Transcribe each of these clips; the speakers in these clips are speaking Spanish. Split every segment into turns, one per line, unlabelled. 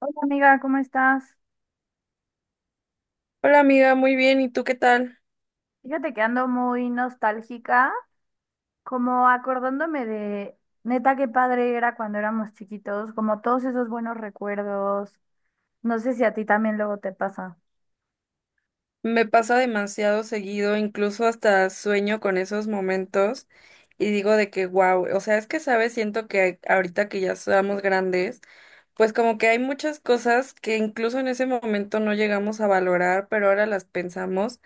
Hola amiga, ¿cómo estás?
Hola amiga, muy bien, ¿y tú qué tal?
Fíjate que ando muy nostálgica, como acordándome de, neta, qué padre era cuando éramos chiquitos, como todos esos buenos recuerdos. No sé si a ti también luego te pasa.
Me pasa demasiado seguido, incluso hasta sueño con esos momentos y digo de que wow, o sea, es que sabes, siento que ahorita que ya somos grandes, pues como que hay muchas cosas que incluso en ese momento no llegamos a valorar, pero ahora las pensamos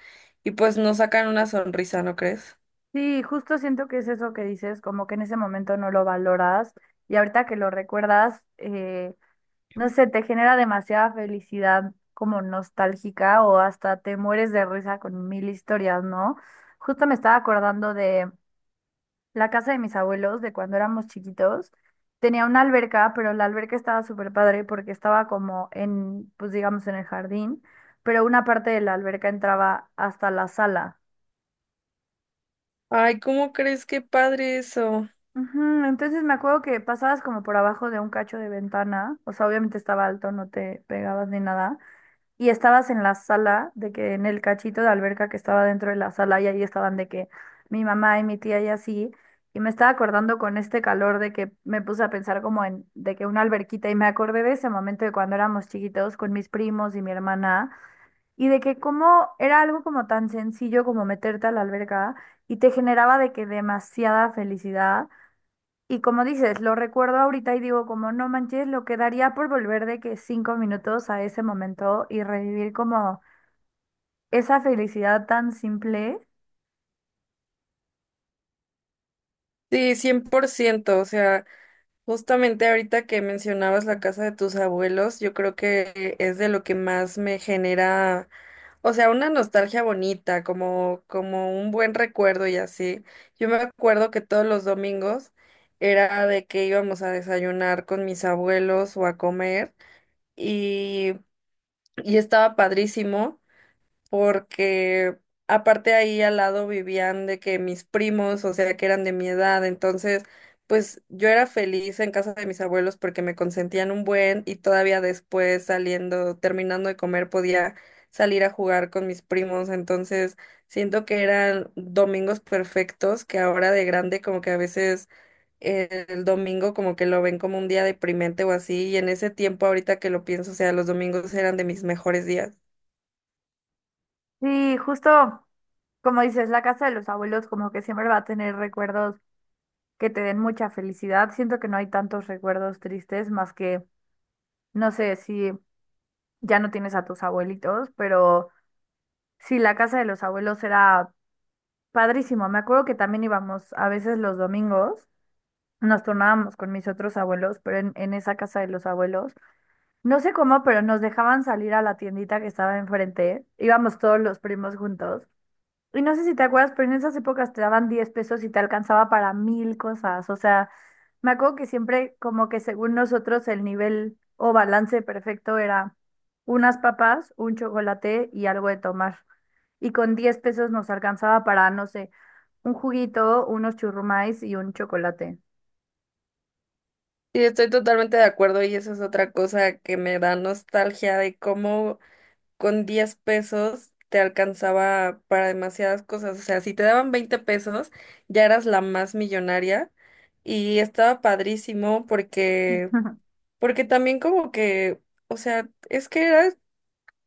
y pues nos sacan una sonrisa, ¿no crees?
Sí, justo siento que es eso que dices, como que en ese momento no lo valoras y ahorita que lo recuerdas, no sé, te genera demasiada felicidad como nostálgica o hasta te mueres de risa con mil historias, ¿no? Justo me estaba acordando de... La casa de mis abuelos, de cuando éramos chiquitos, tenía una alberca, pero la alberca estaba súper padre porque estaba como en, pues digamos, en el jardín, pero una parte de la alberca entraba hasta la sala.
Ay, ¿cómo crees? Qué padre eso.
Ujú. Entonces me acuerdo que pasabas como por abajo de un cacho de ventana, o sea, obviamente estaba alto, no te pegabas ni nada, y estabas en la sala, de que en el cachito de alberca que estaba dentro de la sala y ahí estaban de que mi mamá y mi tía y así. Y me estaba acordando con este calor de que me puse a pensar como en de que una alberquita y me acordé de ese momento de cuando éramos chiquitos con mis primos y mi hermana y de que como era algo como tan sencillo como meterte a la alberca y te generaba de que demasiada felicidad y como dices, lo recuerdo ahorita y digo, como no manches, lo que daría por volver de que 5 minutos a ese momento y revivir como esa felicidad tan simple.
Sí, 100%. O sea. Justamente ahorita que mencionabas la casa de tus abuelos, yo creo que es de lo que más me genera, o sea, una nostalgia bonita, como un buen recuerdo y así. Yo me acuerdo que todos los domingos era de que íbamos a desayunar con mis abuelos o a comer y, y estaba padrísimo porque aparte ahí al lado vivían de que mis primos, o sea, que eran de mi edad, entonces, pues yo era feliz en casa de mis abuelos porque me consentían un buen y todavía después saliendo, terminando de comer, podía salir a jugar con mis primos, entonces siento que eran domingos perfectos que ahora de grande como que a veces el domingo como que lo ven como un día deprimente o así y en ese tiempo ahorita que lo pienso, o sea, los domingos eran de mis mejores días.
Sí, justo como dices, la casa de los abuelos como que siempre va a tener recuerdos que te den mucha felicidad. Siento que no hay tantos recuerdos tristes más que, no sé, si ya no tienes a tus abuelitos, pero sí, la casa de los abuelos era padrísimo. Me acuerdo que también íbamos a veces los domingos. Nos turnábamos con mis otros abuelos, pero en esa casa de los abuelos, no sé cómo, pero nos dejaban salir a la tiendita que estaba enfrente, íbamos todos los primos juntos. Y no sé si te acuerdas, pero en esas épocas te daban 10 pesos y te alcanzaba para mil cosas. O sea, me acuerdo que siempre como que según nosotros el nivel o balance perfecto era unas papas, un chocolate y algo de tomar. Y con 10 pesos nos alcanzaba para, no sé, un juguito, unos churrumais y un chocolate.
Sí, estoy totalmente de acuerdo y eso es otra cosa que me da nostalgia de cómo con 10 pesos te alcanzaba para demasiadas cosas. O sea, si te daban 20 pesos, ya eras la más millonaria y estaba padrísimo porque, porque también como que, o sea, es que era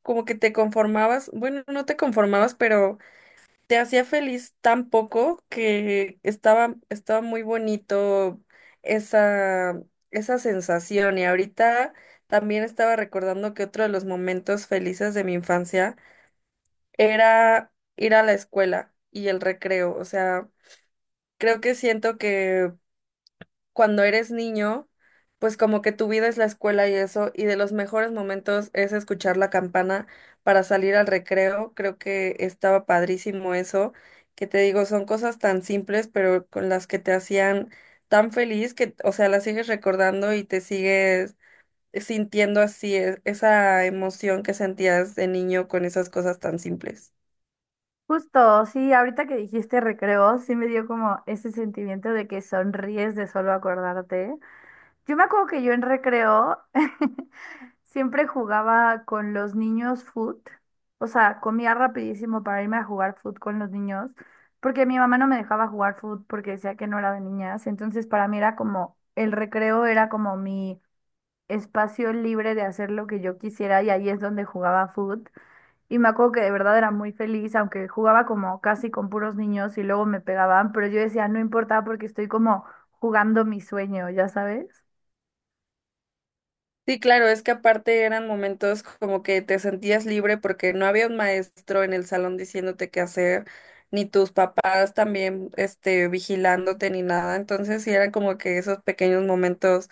como que te conformabas, bueno, no te conformabas, pero te hacía feliz tan poco que estaba muy bonito esa, esa sensación. Y ahorita también estaba recordando que otro de los momentos felices de mi infancia era ir a la escuela y el recreo. O sea, creo que siento que cuando eres niño, pues como que tu vida es la escuela y eso, y de los mejores momentos es escuchar la campana para salir al recreo. Creo que estaba padrísimo eso, que te digo, son cosas tan simples, pero con las que te hacían tan feliz que, o sea, las sigues recordando y te sigues sintiendo así esa emoción que sentías de niño con esas cosas tan simples.
Justo, sí, ahorita que dijiste recreo, sí me dio como ese sentimiento de que sonríes de solo acordarte. Yo me acuerdo que yo en recreo siempre jugaba con los niños foot, o sea, comía rapidísimo para irme a jugar foot con los niños, porque mi mamá no me dejaba jugar foot porque decía que no era de niñas, entonces para mí era como, el recreo era como mi espacio libre de hacer lo que yo quisiera y ahí es donde jugaba foot. Y me acuerdo que de verdad era muy feliz, aunque jugaba como casi con puros niños y luego me pegaban, pero yo decía, no importa porque estoy como jugando mi sueño, ¿ya sabes?
Sí, claro, es que aparte eran momentos como que te sentías libre porque no había un maestro en el salón diciéndote qué hacer, ni tus papás también, este, vigilándote ni nada. Entonces sí eran como que esos pequeños momentos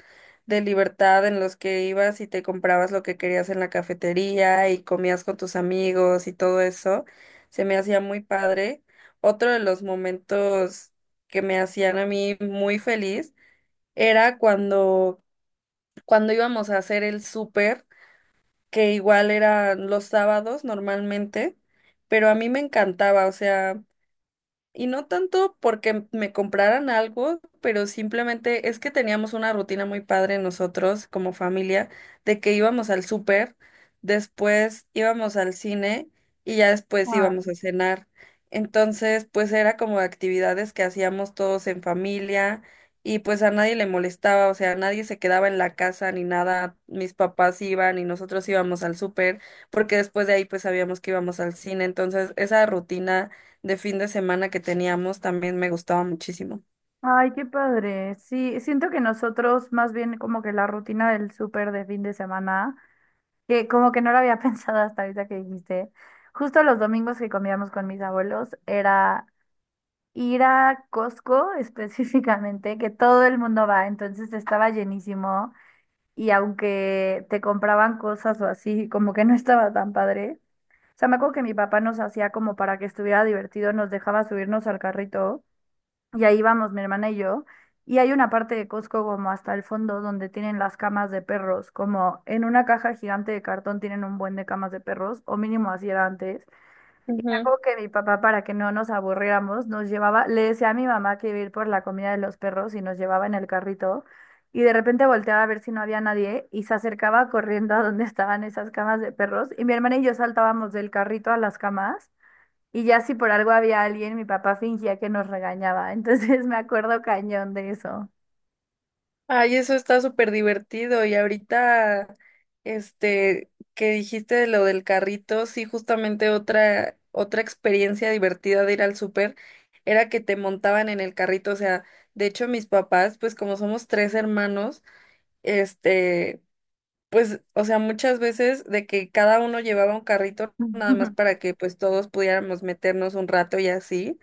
de libertad en los que ibas y te comprabas lo que querías en la cafetería y comías con tus amigos y todo eso. Se me hacía muy padre. Otro de los momentos que me hacían a mí muy feliz era cuando íbamos a hacer el súper, que igual eran los sábados normalmente, pero a mí me encantaba, o sea, y no tanto porque me compraran algo, pero simplemente es que teníamos una rutina muy padre nosotros como familia, de que íbamos al súper, después íbamos al cine y ya después
Ah.
íbamos a cenar. Entonces, pues era como actividades que hacíamos todos en familia y pues a nadie le molestaba, o sea, nadie se quedaba en la casa ni nada. Mis papás iban y nosotros íbamos al súper, porque después de ahí pues sabíamos que íbamos al cine. Entonces, esa rutina de fin de semana que teníamos también me gustaba muchísimo.
Ay, qué padre. Sí, siento que nosotros más bien como que la rutina del súper de fin de semana, que como que no lo había pensado hasta ahorita que dijiste, justo los domingos que comíamos con mis abuelos era ir a Costco específicamente, que todo el mundo va, entonces estaba llenísimo y aunque te compraban cosas o así, como que no estaba tan padre. O sea, me acuerdo que mi papá nos hacía como para que estuviera divertido, nos dejaba subirnos al carrito y ahí íbamos mi hermana y yo. Y hay una parte de Costco como hasta el fondo donde tienen las camas de perros, como en una caja gigante de cartón tienen un buen de camas de perros, o mínimo así era antes. Y me
Ujú.
acuerdo que mi papá, para que no nos aburriéramos, nos llevaba, le decía a mi mamá que iba a ir por la comida de los perros y nos llevaba en el carrito. Y de repente volteaba a ver si no había nadie y se acercaba corriendo a donde estaban esas camas de perros. Y mi hermana y yo saltábamos del carrito a las camas. Y ya si por algo había alguien, mi papá fingía que nos regañaba. Entonces me acuerdo cañón de eso.
Ay, eso está súper divertido. Y ahorita, este, que dijiste de lo del carrito, sí, justamente otra experiencia divertida de ir al súper era que te montaban en el carrito. O sea, de hecho, mis papás, pues como somos tres hermanos, este, pues, o sea, muchas veces de que cada uno llevaba un carrito nada más para que pues todos pudiéramos meternos un rato y así.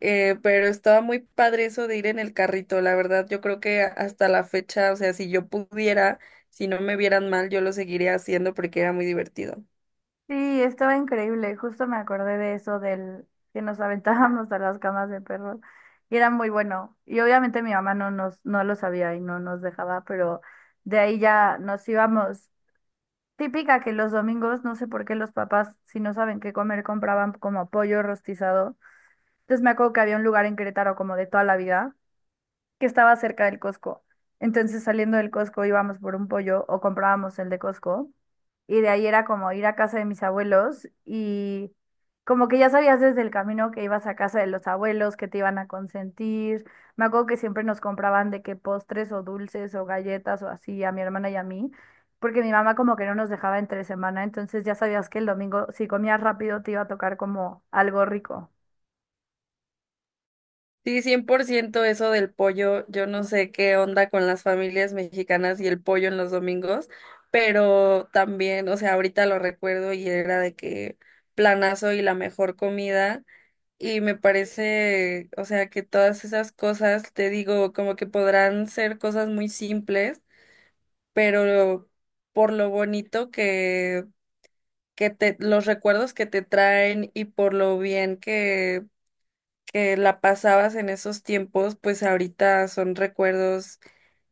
Pero estaba muy padre eso de ir en el carrito, la verdad. Yo creo que hasta la fecha, o sea, si yo pudiera, si no me vieran mal, yo lo seguiría haciendo porque era muy divertido.
Sí, estaba increíble. Justo me acordé de eso del que nos aventábamos a las camas de perros y era muy bueno. Y obviamente mi mamá no lo sabía y no nos dejaba, pero de ahí ya nos íbamos. Típica que los domingos, no sé por qué los papás, si no saben qué comer, compraban como pollo rostizado. Entonces me acuerdo que había un lugar en Querétaro como de toda la vida que estaba cerca del Costco. Entonces, saliendo del Costco íbamos por un pollo o comprábamos el de Costco. Y de ahí era como ir a casa de mis abuelos y como que ya sabías desde el camino que ibas a casa de los abuelos, que te iban a consentir. Me acuerdo que siempre nos compraban de que postres o dulces o galletas o así a mi hermana y a mí, porque mi mamá como que no nos dejaba entre semana, entonces ya sabías que el domingo si comías rápido te iba a tocar como algo rico.
Sí, 100% eso del pollo. Yo no sé qué onda con las familias mexicanas y el pollo en los domingos, pero también, o sea, ahorita lo recuerdo y era de que planazo y la mejor comida. Y me parece, o sea, que todas esas cosas, te digo, como que podrán ser cosas muy simples pero por lo bonito que te, los recuerdos que te traen y por lo bien que la pasabas en esos tiempos, pues ahorita son recuerdos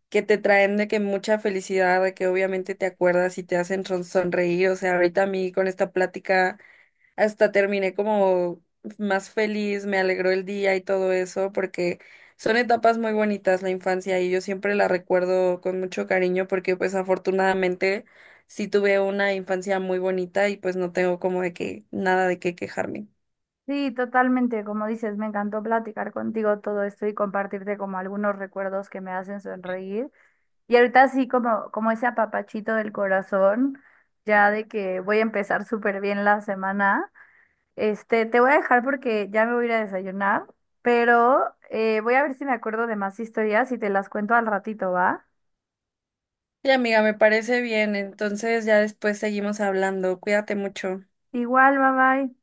que te traen de que mucha felicidad, de que obviamente te acuerdas y te hacen sonreír. O sea, ahorita a mí con esta plática hasta terminé como más feliz, me alegró el día y todo eso, porque son etapas muy bonitas la infancia y yo siempre la recuerdo con mucho cariño porque pues afortunadamente sí tuve una infancia muy bonita y pues no tengo como de que nada de qué quejarme.
Sí, totalmente, como dices, me encantó platicar contigo todo esto y compartirte como algunos recuerdos que me hacen sonreír. Y ahorita sí, como, como ese apapachito del corazón, ya de que voy a empezar súper bien la semana. Este, te voy a dejar porque ya me voy a ir a desayunar, pero voy a ver si me acuerdo de más historias y te las cuento al ratito, ¿va?
Y amiga, me parece bien, entonces ya después seguimos hablando, cuídate mucho.
Igual, bye bye.